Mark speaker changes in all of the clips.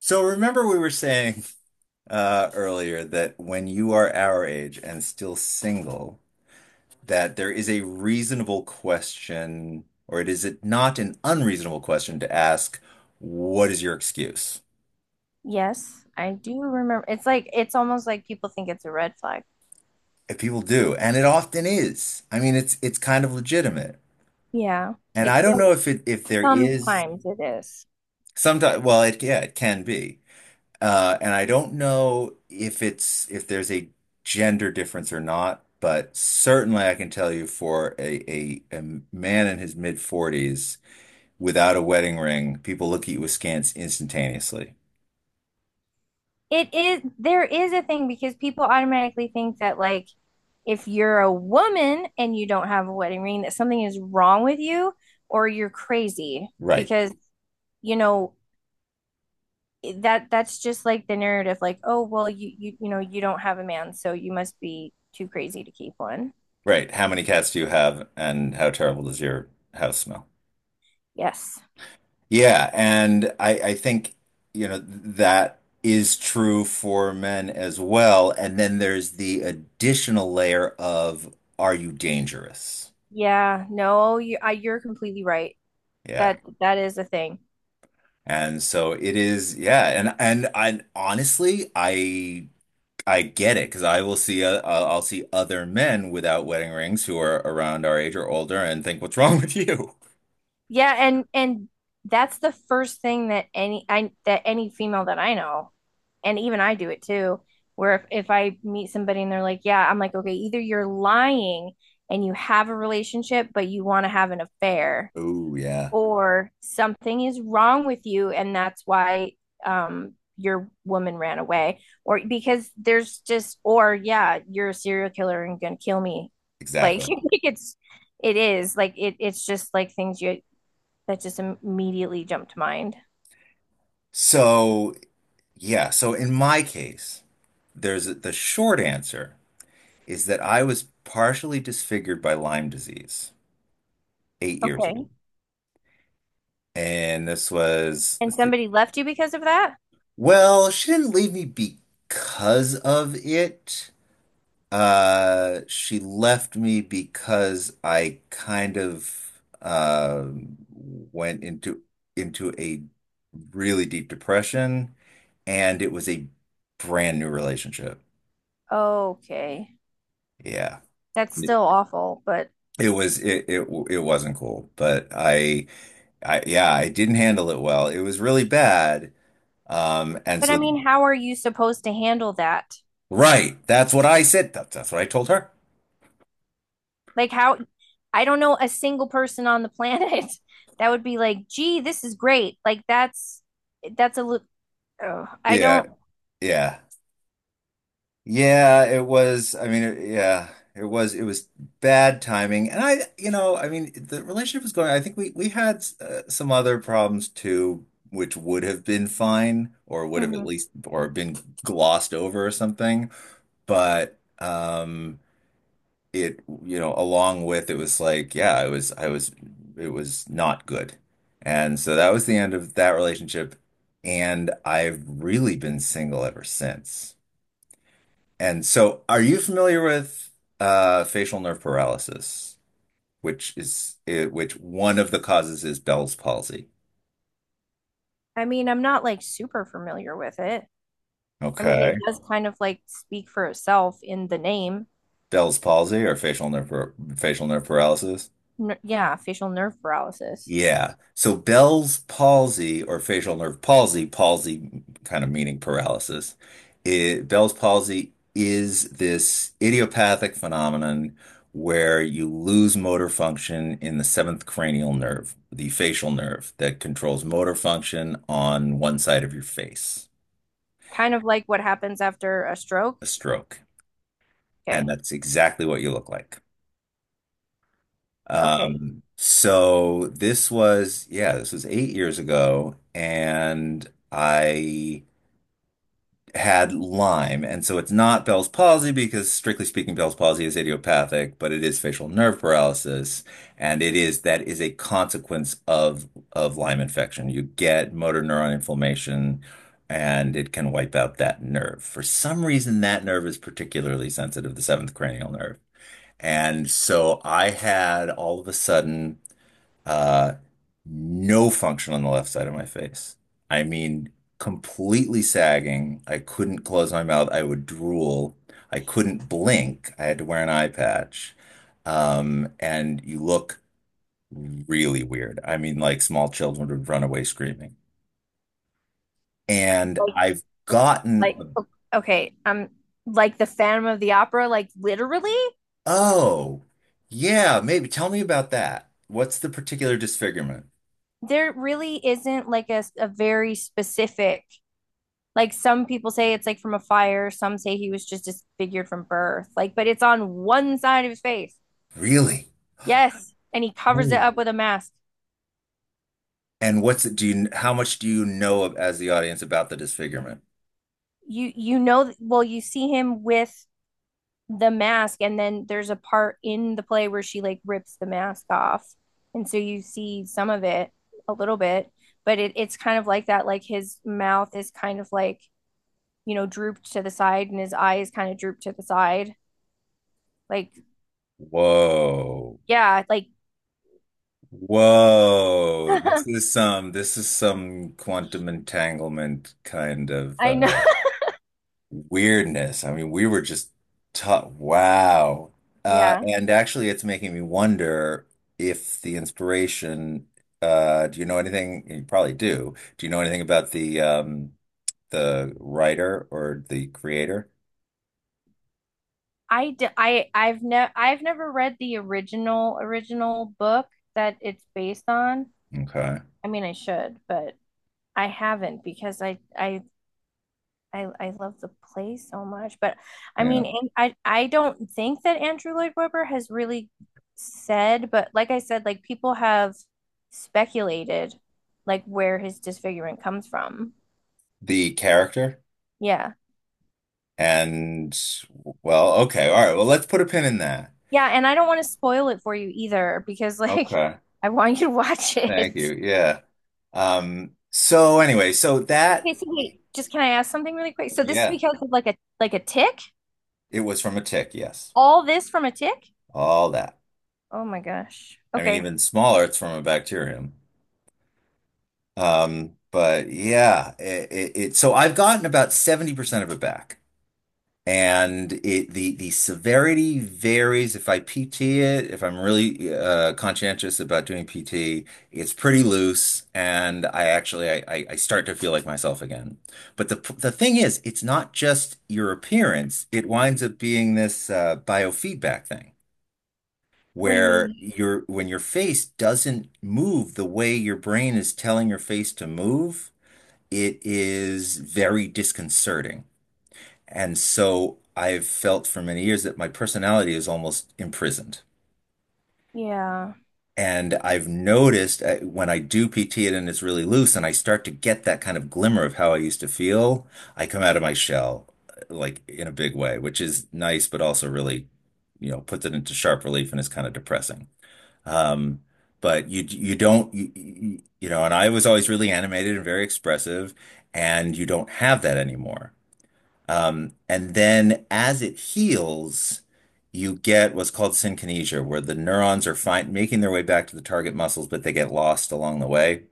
Speaker 1: So remember we were saying earlier that when you are our age and still single, that there is a reasonable question, or it is it not an unreasonable question to ask, what is your excuse?
Speaker 2: Yes, I do remember. It's like it's almost like people think it's a red flag.
Speaker 1: And people do, and it often is. I mean, it's kind of legitimate.
Speaker 2: Yeah.
Speaker 1: And I don't
Speaker 2: Well,
Speaker 1: know if there is
Speaker 2: sometimes it is.
Speaker 1: sometimes, well, it yeah, it can be. And I don't know if there's a gender difference or not, but certainly I can tell you for a man in his mid 40's without a wedding ring, people look at you askance instantaneously.
Speaker 2: There is a thing because people automatically think that, like, if you're a woman and you don't have a wedding ring, that something is wrong with you or you're crazy
Speaker 1: Right,
Speaker 2: because you know that that's just like the narrative, like, oh, well, you don't have a man, so you must be too crazy to keep one.
Speaker 1: right. How many cats do you have, and how terrible does your house smell?
Speaker 2: Yes.
Speaker 1: Yeah, and I think that is true for men as well. And then there's the additional layer of are you dangerous?
Speaker 2: Yeah, no, you're completely right.
Speaker 1: Yeah.
Speaker 2: That is a thing.
Speaker 1: And so it is, yeah, and I honestly, I get it because I will see I'll see other men without wedding rings who are around our age or older and think, "What's wrong with you?"
Speaker 2: Yeah, and that's the first thing that any I that any female that I know, and even I do it too, where if I meet somebody and they're like, yeah, I'm like, okay, either you're lying and you have a relationship, but you want to have an affair.
Speaker 1: Oh, yeah,
Speaker 2: Or something is wrong with you, and that's why your woman ran away, or because there's just, or, yeah, you're a serial killer and gonna kill me, like,
Speaker 1: exactly.
Speaker 2: it's, it's just like things you that just immediately jump to mind.
Speaker 1: So, yeah, so in my case, there's the short answer is that I was partially disfigured by Lyme disease 8 years ago.
Speaker 2: Okay.
Speaker 1: And this was,
Speaker 2: And
Speaker 1: let's see.
Speaker 2: somebody left you because of that?
Speaker 1: Well, she didn't leave me because of it. She left me because I kind of went into a really deep depression, and it was a brand new relationship.
Speaker 2: Okay.
Speaker 1: Yeah.
Speaker 2: That's
Speaker 1: It
Speaker 2: still awful, but—
Speaker 1: it it wasn't cool, but I yeah, I didn't handle it well. It was really bad. And
Speaker 2: But, I
Speaker 1: so
Speaker 2: mean, how are you supposed to handle that?
Speaker 1: right, that's what I said. That's what I told her.
Speaker 2: Like, how? I don't know a single person on the planet that would be like, "Gee, this is great." Like, that's oh, I
Speaker 1: Yeah,
Speaker 2: don't.
Speaker 1: yeah. Yeah, it was. I mean, it, yeah, it was. It was bad timing, and I, you know, I mean, the relationship was going. I think we had some other problems too, which would have been fine, or would have at
Speaker 2: Mhm.
Speaker 1: least, or been glossed over or something. But it, you know, along with it was like, yeah, it was, I was, it was not good, and so that was the end of that relationship, and I've really been single ever since. And so, are you familiar with facial nerve paralysis, which is which one of the causes is Bell's palsy?
Speaker 2: I mean, I'm not like super familiar with it. I mean, it
Speaker 1: Okay.
Speaker 2: does kind of like speak for itself in the name.
Speaker 1: Bell's palsy or facial nerve paralysis?
Speaker 2: N Yeah, facial nerve paralysis.
Speaker 1: Yeah. So Bell's palsy or facial nerve palsy, palsy kind of meaning paralysis. It, Bell's palsy is this idiopathic phenomenon where you lose motor function in the seventh cranial nerve, the facial nerve that controls motor function on one side of your face,
Speaker 2: Kind of like what happens after a stroke.
Speaker 1: a stroke. And
Speaker 2: Okay.
Speaker 1: that's exactly what you look like.
Speaker 2: Okay.
Speaker 1: So this was, yeah, this was 8 years ago, and I had Lyme. And so it's not Bell's palsy because, strictly speaking, Bell's palsy is idiopathic, but it is facial nerve paralysis. And it is that is a consequence of Lyme infection. You get motor neuron inflammation and it can wipe out that nerve. For some reason, that nerve is particularly sensitive, the seventh cranial nerve. And so I had all of a sudden uh, no function on the left side of my face. I mean, completely sagging. I couldn't close my mouth. I would drool. I couldn't blink. I had to wear an eye patch. And you look really weird. I mean, like small children would run away screaming. And
Speaker 2: Like
Speaker 1: I've gotten,
Speaker 2: like,
Speaker 1: a-
Speaker 2: okay, like the Phantom of the Opera, like, literally?
Speaker 1: oh, yeah, maybe tell me about that. What's the particular disfigurement?
Speaker 2: There really isn't, like, a very specific, like, some people say it's like from a fire, some say he was just disfigured from birth, like, but it's on one side of his face.
Speaker 1: Really?
Speaker 2: Yes, and he covers it up with a mask.
Speaker 1: And what's it, do you, how much do you know of, as the audience about the disfigurement?
Speaker 2: Well, you see him with the mask, and then there's a part in the play where she, like, rips the mask off, and so you see some of it, a little bit, but it's kind of like that, like, his mouth is kind of like, drooped to the side, and his eyes kind of drooped to the side. Like,
Speaker 1: Whoa.
Speaker 2: yeah, like
Speaker 1: Whoa. This is some quantum entanglement kind of
Speaker 2: I know.
Speaker 1: weirdness. I mean, we were just taught, wow.
Speaker 2: Yeah.
Speaker 1: And actually, it's making me wonder if the inspiration, do you know anything? You probably do. Do you know anything about the writer or the creator?
Speaker 2: I d I I've never read the original book that it's based on.
Speaker 1: Okay.
Speaker 2: I mean, I should, but I haven't because I love the play so much. But, I
Speaker 1: Yeah.
Speaker 2: mean, and I don't think that Andrew Lloyd Webber has really said, but, like I said, like, people have speculated like where his disfigurement comes from.
Speaker 1: The character.
Speaker 2: Yeah.
Speaker 1: And well, okay, all right. Well, let's put a pin in that.
Speaker 2: Yeah, and I don't want to spoil it for you either, because, like,
Speaker 1: Okay.
Speaker 2: I want you to watch
Speaker 1: Thank
Speaker 2: it.
Speaker 1: you. Yeah. So anyway, so that,
Speaker 2: Okay, so wait, just can I ask something really quick? So this is
Speaker 1: yeah,
Speaker 2: because of, like, a tick?
Speaker 1: it was from a tick, yes.
Speaker 2: All this from a tick?
Speaker 1: All that.
Speaker 2: Oh my gosh.
Speaker 1: I mean,
Speaker 2: Okay.
Speaker 1: even smaller, it's from a bacterium. But yeah, it so I've gotten about 70% of it back. And it the severity varies. If I PT it, if I'm really conscientious about doing PT, it's pretty loose, and I actually I, I start to feel like myself again. But the thing is, it's not just your appearance. It winds up being this biofeedback thing.
Speaker 2: What do you
Speaker 1: Where
Speaker 2: mean?
Speaker 1: your When your face doesn't move the way your brain is telling your face to move, it is very disconcerting. And so I've felt for many years that my personality is almost imprisoned.
Speaker 2: Yeah.
Speaker 1: And I've noticed when I do PT it and it's really loose and I start to get that kind of glimmer of how I used to feel, I come out of my shell like in a big way, which is nice, but also really, you know, puts it into sharp relief and is kind of depressing. Um, but you don't you, you you know, and I was always really animated and very expressive, and you don't have that anymore. And then as it heals, you get what's called synkinesia, where the neurons are find making their way back to the target muscles, but they get lost along the way.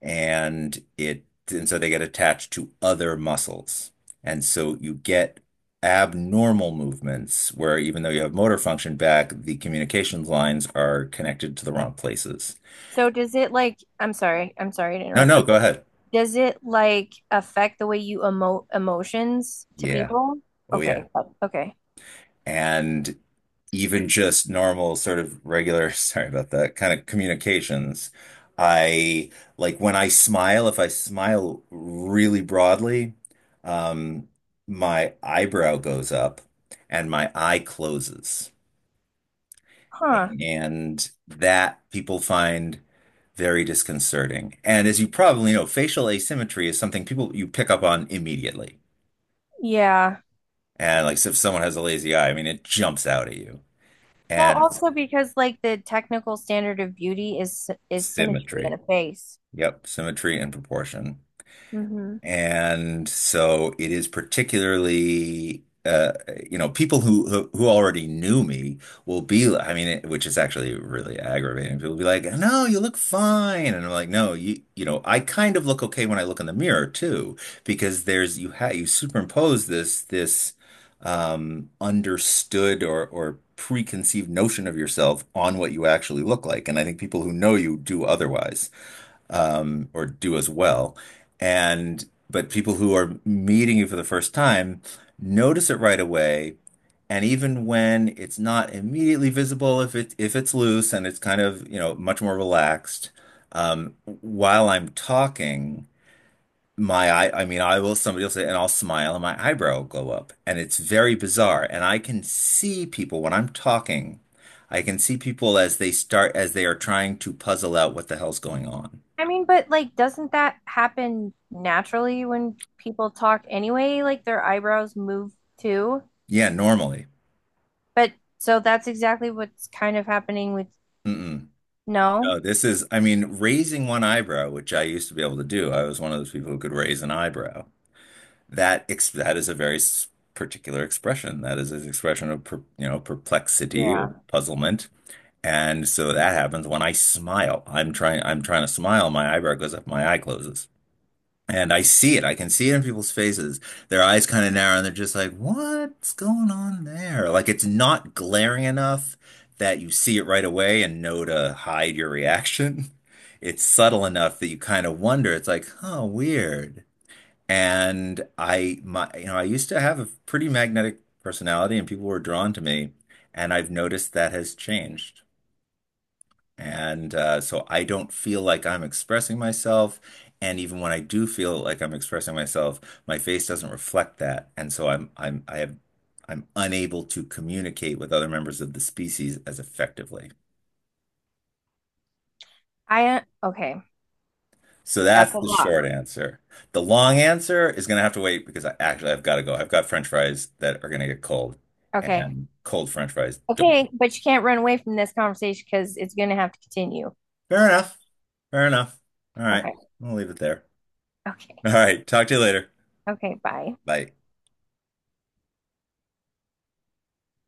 Speaker 1: And it and so they get attached to other muscles. And so you get abnormal movements where even though you have motor function back, the communications lines are connected to the wrong places.
Speaker 2: So does it, like— I'm sorry to
Speaker 1: No,
Speaker 2: interrupt
Speaker 1: no,
Speaker 2: you.
Speaker 1: go ahead.
Speaker 2: Does it like affect the way you emote emotions to
Speaker 1: Yeah.
Speaker 2: people?
Speaker 1: Oh yeah.
Speaker 2: Okay. Oh, okay.
Speaker 1: And even just normal sort of regular, sorry about that, kind of communications. I like when I smile, if I smile really broadly, um, my eyebrow goes up and my eye closes.
Speaker 2: Huh.
Speaker 1: And that people find very disconcerting. And as you probably know, facial asymmetry is something people you pick up on immediately.
Speaker 2: Yeah.
Speaker 1: And like so if someone has a lazy eye, I mean, it jumps out at you.
Speaker 2: Well,
Speaker 1: And
Speaker 2: also because, like, the technical standard of beauty is symmetry in
Speaker 1: symmetry.
Speaker 2: a face.
Speaker 1: Yep, symmetry and proportion.
Speaker 2: Hmm.
Speaker 1: And so it is particularly you know people who already knew me I mean it, which is actually really aggravating. People will be like, "No, you look fine." And I'm like, "No, you know, I kind of look okay when I look in the mirror too because there's you ha you superimpose this understood or preconceived notion of yourself on what you actually look like. And I think people who know you do otherwise or do as well. And but people who are meeting you for the first time notice it right away. And even when it's not immediately visible, if it if it's loose and it's kind of, you know, much more relaxed, while I'm talking, my eye, I mean, I will, somebody will say, and I'll smile and my eyebrow will go up. And it's very bizarre. And I can see people when I'm talking, I can see people as they start, as they are trying to puzzle out what the hell's going on.
Speaker 2: I mean, but, like, doesn't that happen naturally when people talk anyway? Like, their eyebrows move too.
Speaker 1: Yeah, normally.
Speaker 2: But so that's exactly what's kind of happening with,
Speaker 1: Mm-mm.
Speaker 2: no.
Speaker 1: No, this is, I mean, raising one eyebrow, which I used to be able to do. I was one of those people who could raise an eyebrow. That is a particular expression. That is an expression of you know, perplexity or
Speaker 2: Yeah.
Speaker 1: puzzlement. And so that happens when I smile. I'm trying to smile, my eyebrow goes up, my eye closes. And I see it. I can see it in people's faces. Their eyes kind of narrow and they're just like, what's going on there? Like it's not glaring enough that you see it right away and know to hide your reaction. It's subtle enough that you kind of wonder. It's like, huh, weird. And I, my, you know, I used to have a pretty magnetic personality and people were drawn to me. And I've noticed that has changed. And so I don't feel like I'm expressing myself. And even when I do feel like I'm expressing myself, my face doesn't reflect that. And so I have I'm unable to communicate with other members of the species as effectively.
Speaker 2: I Okay,
Speaker 1: So
Speaker 2: that's
Speaker 1: that's
Speaker 2: a
Speaker 1: the
Speaker 2: lot.
Speaker 1: short answer. The long answer is gonna have to wait because I've got to go. I've got French fries that are gonna get cold,
Speaker 2: Okay.
Speaker 1: and cold French fries don't.
Speaker 2: Okay, but you can't run away from this conversation because it's gonna have to continue.
Speaker 1: Fair enough. Fair enough. All right.
Speaker 2: Okay.
Speaker 1: I'll leave it there.
Speaker 2: Okay.
Speaker 1: All right. Talk to you later.
Speaker 2: Okay, bye.
Speaker 1: Bye.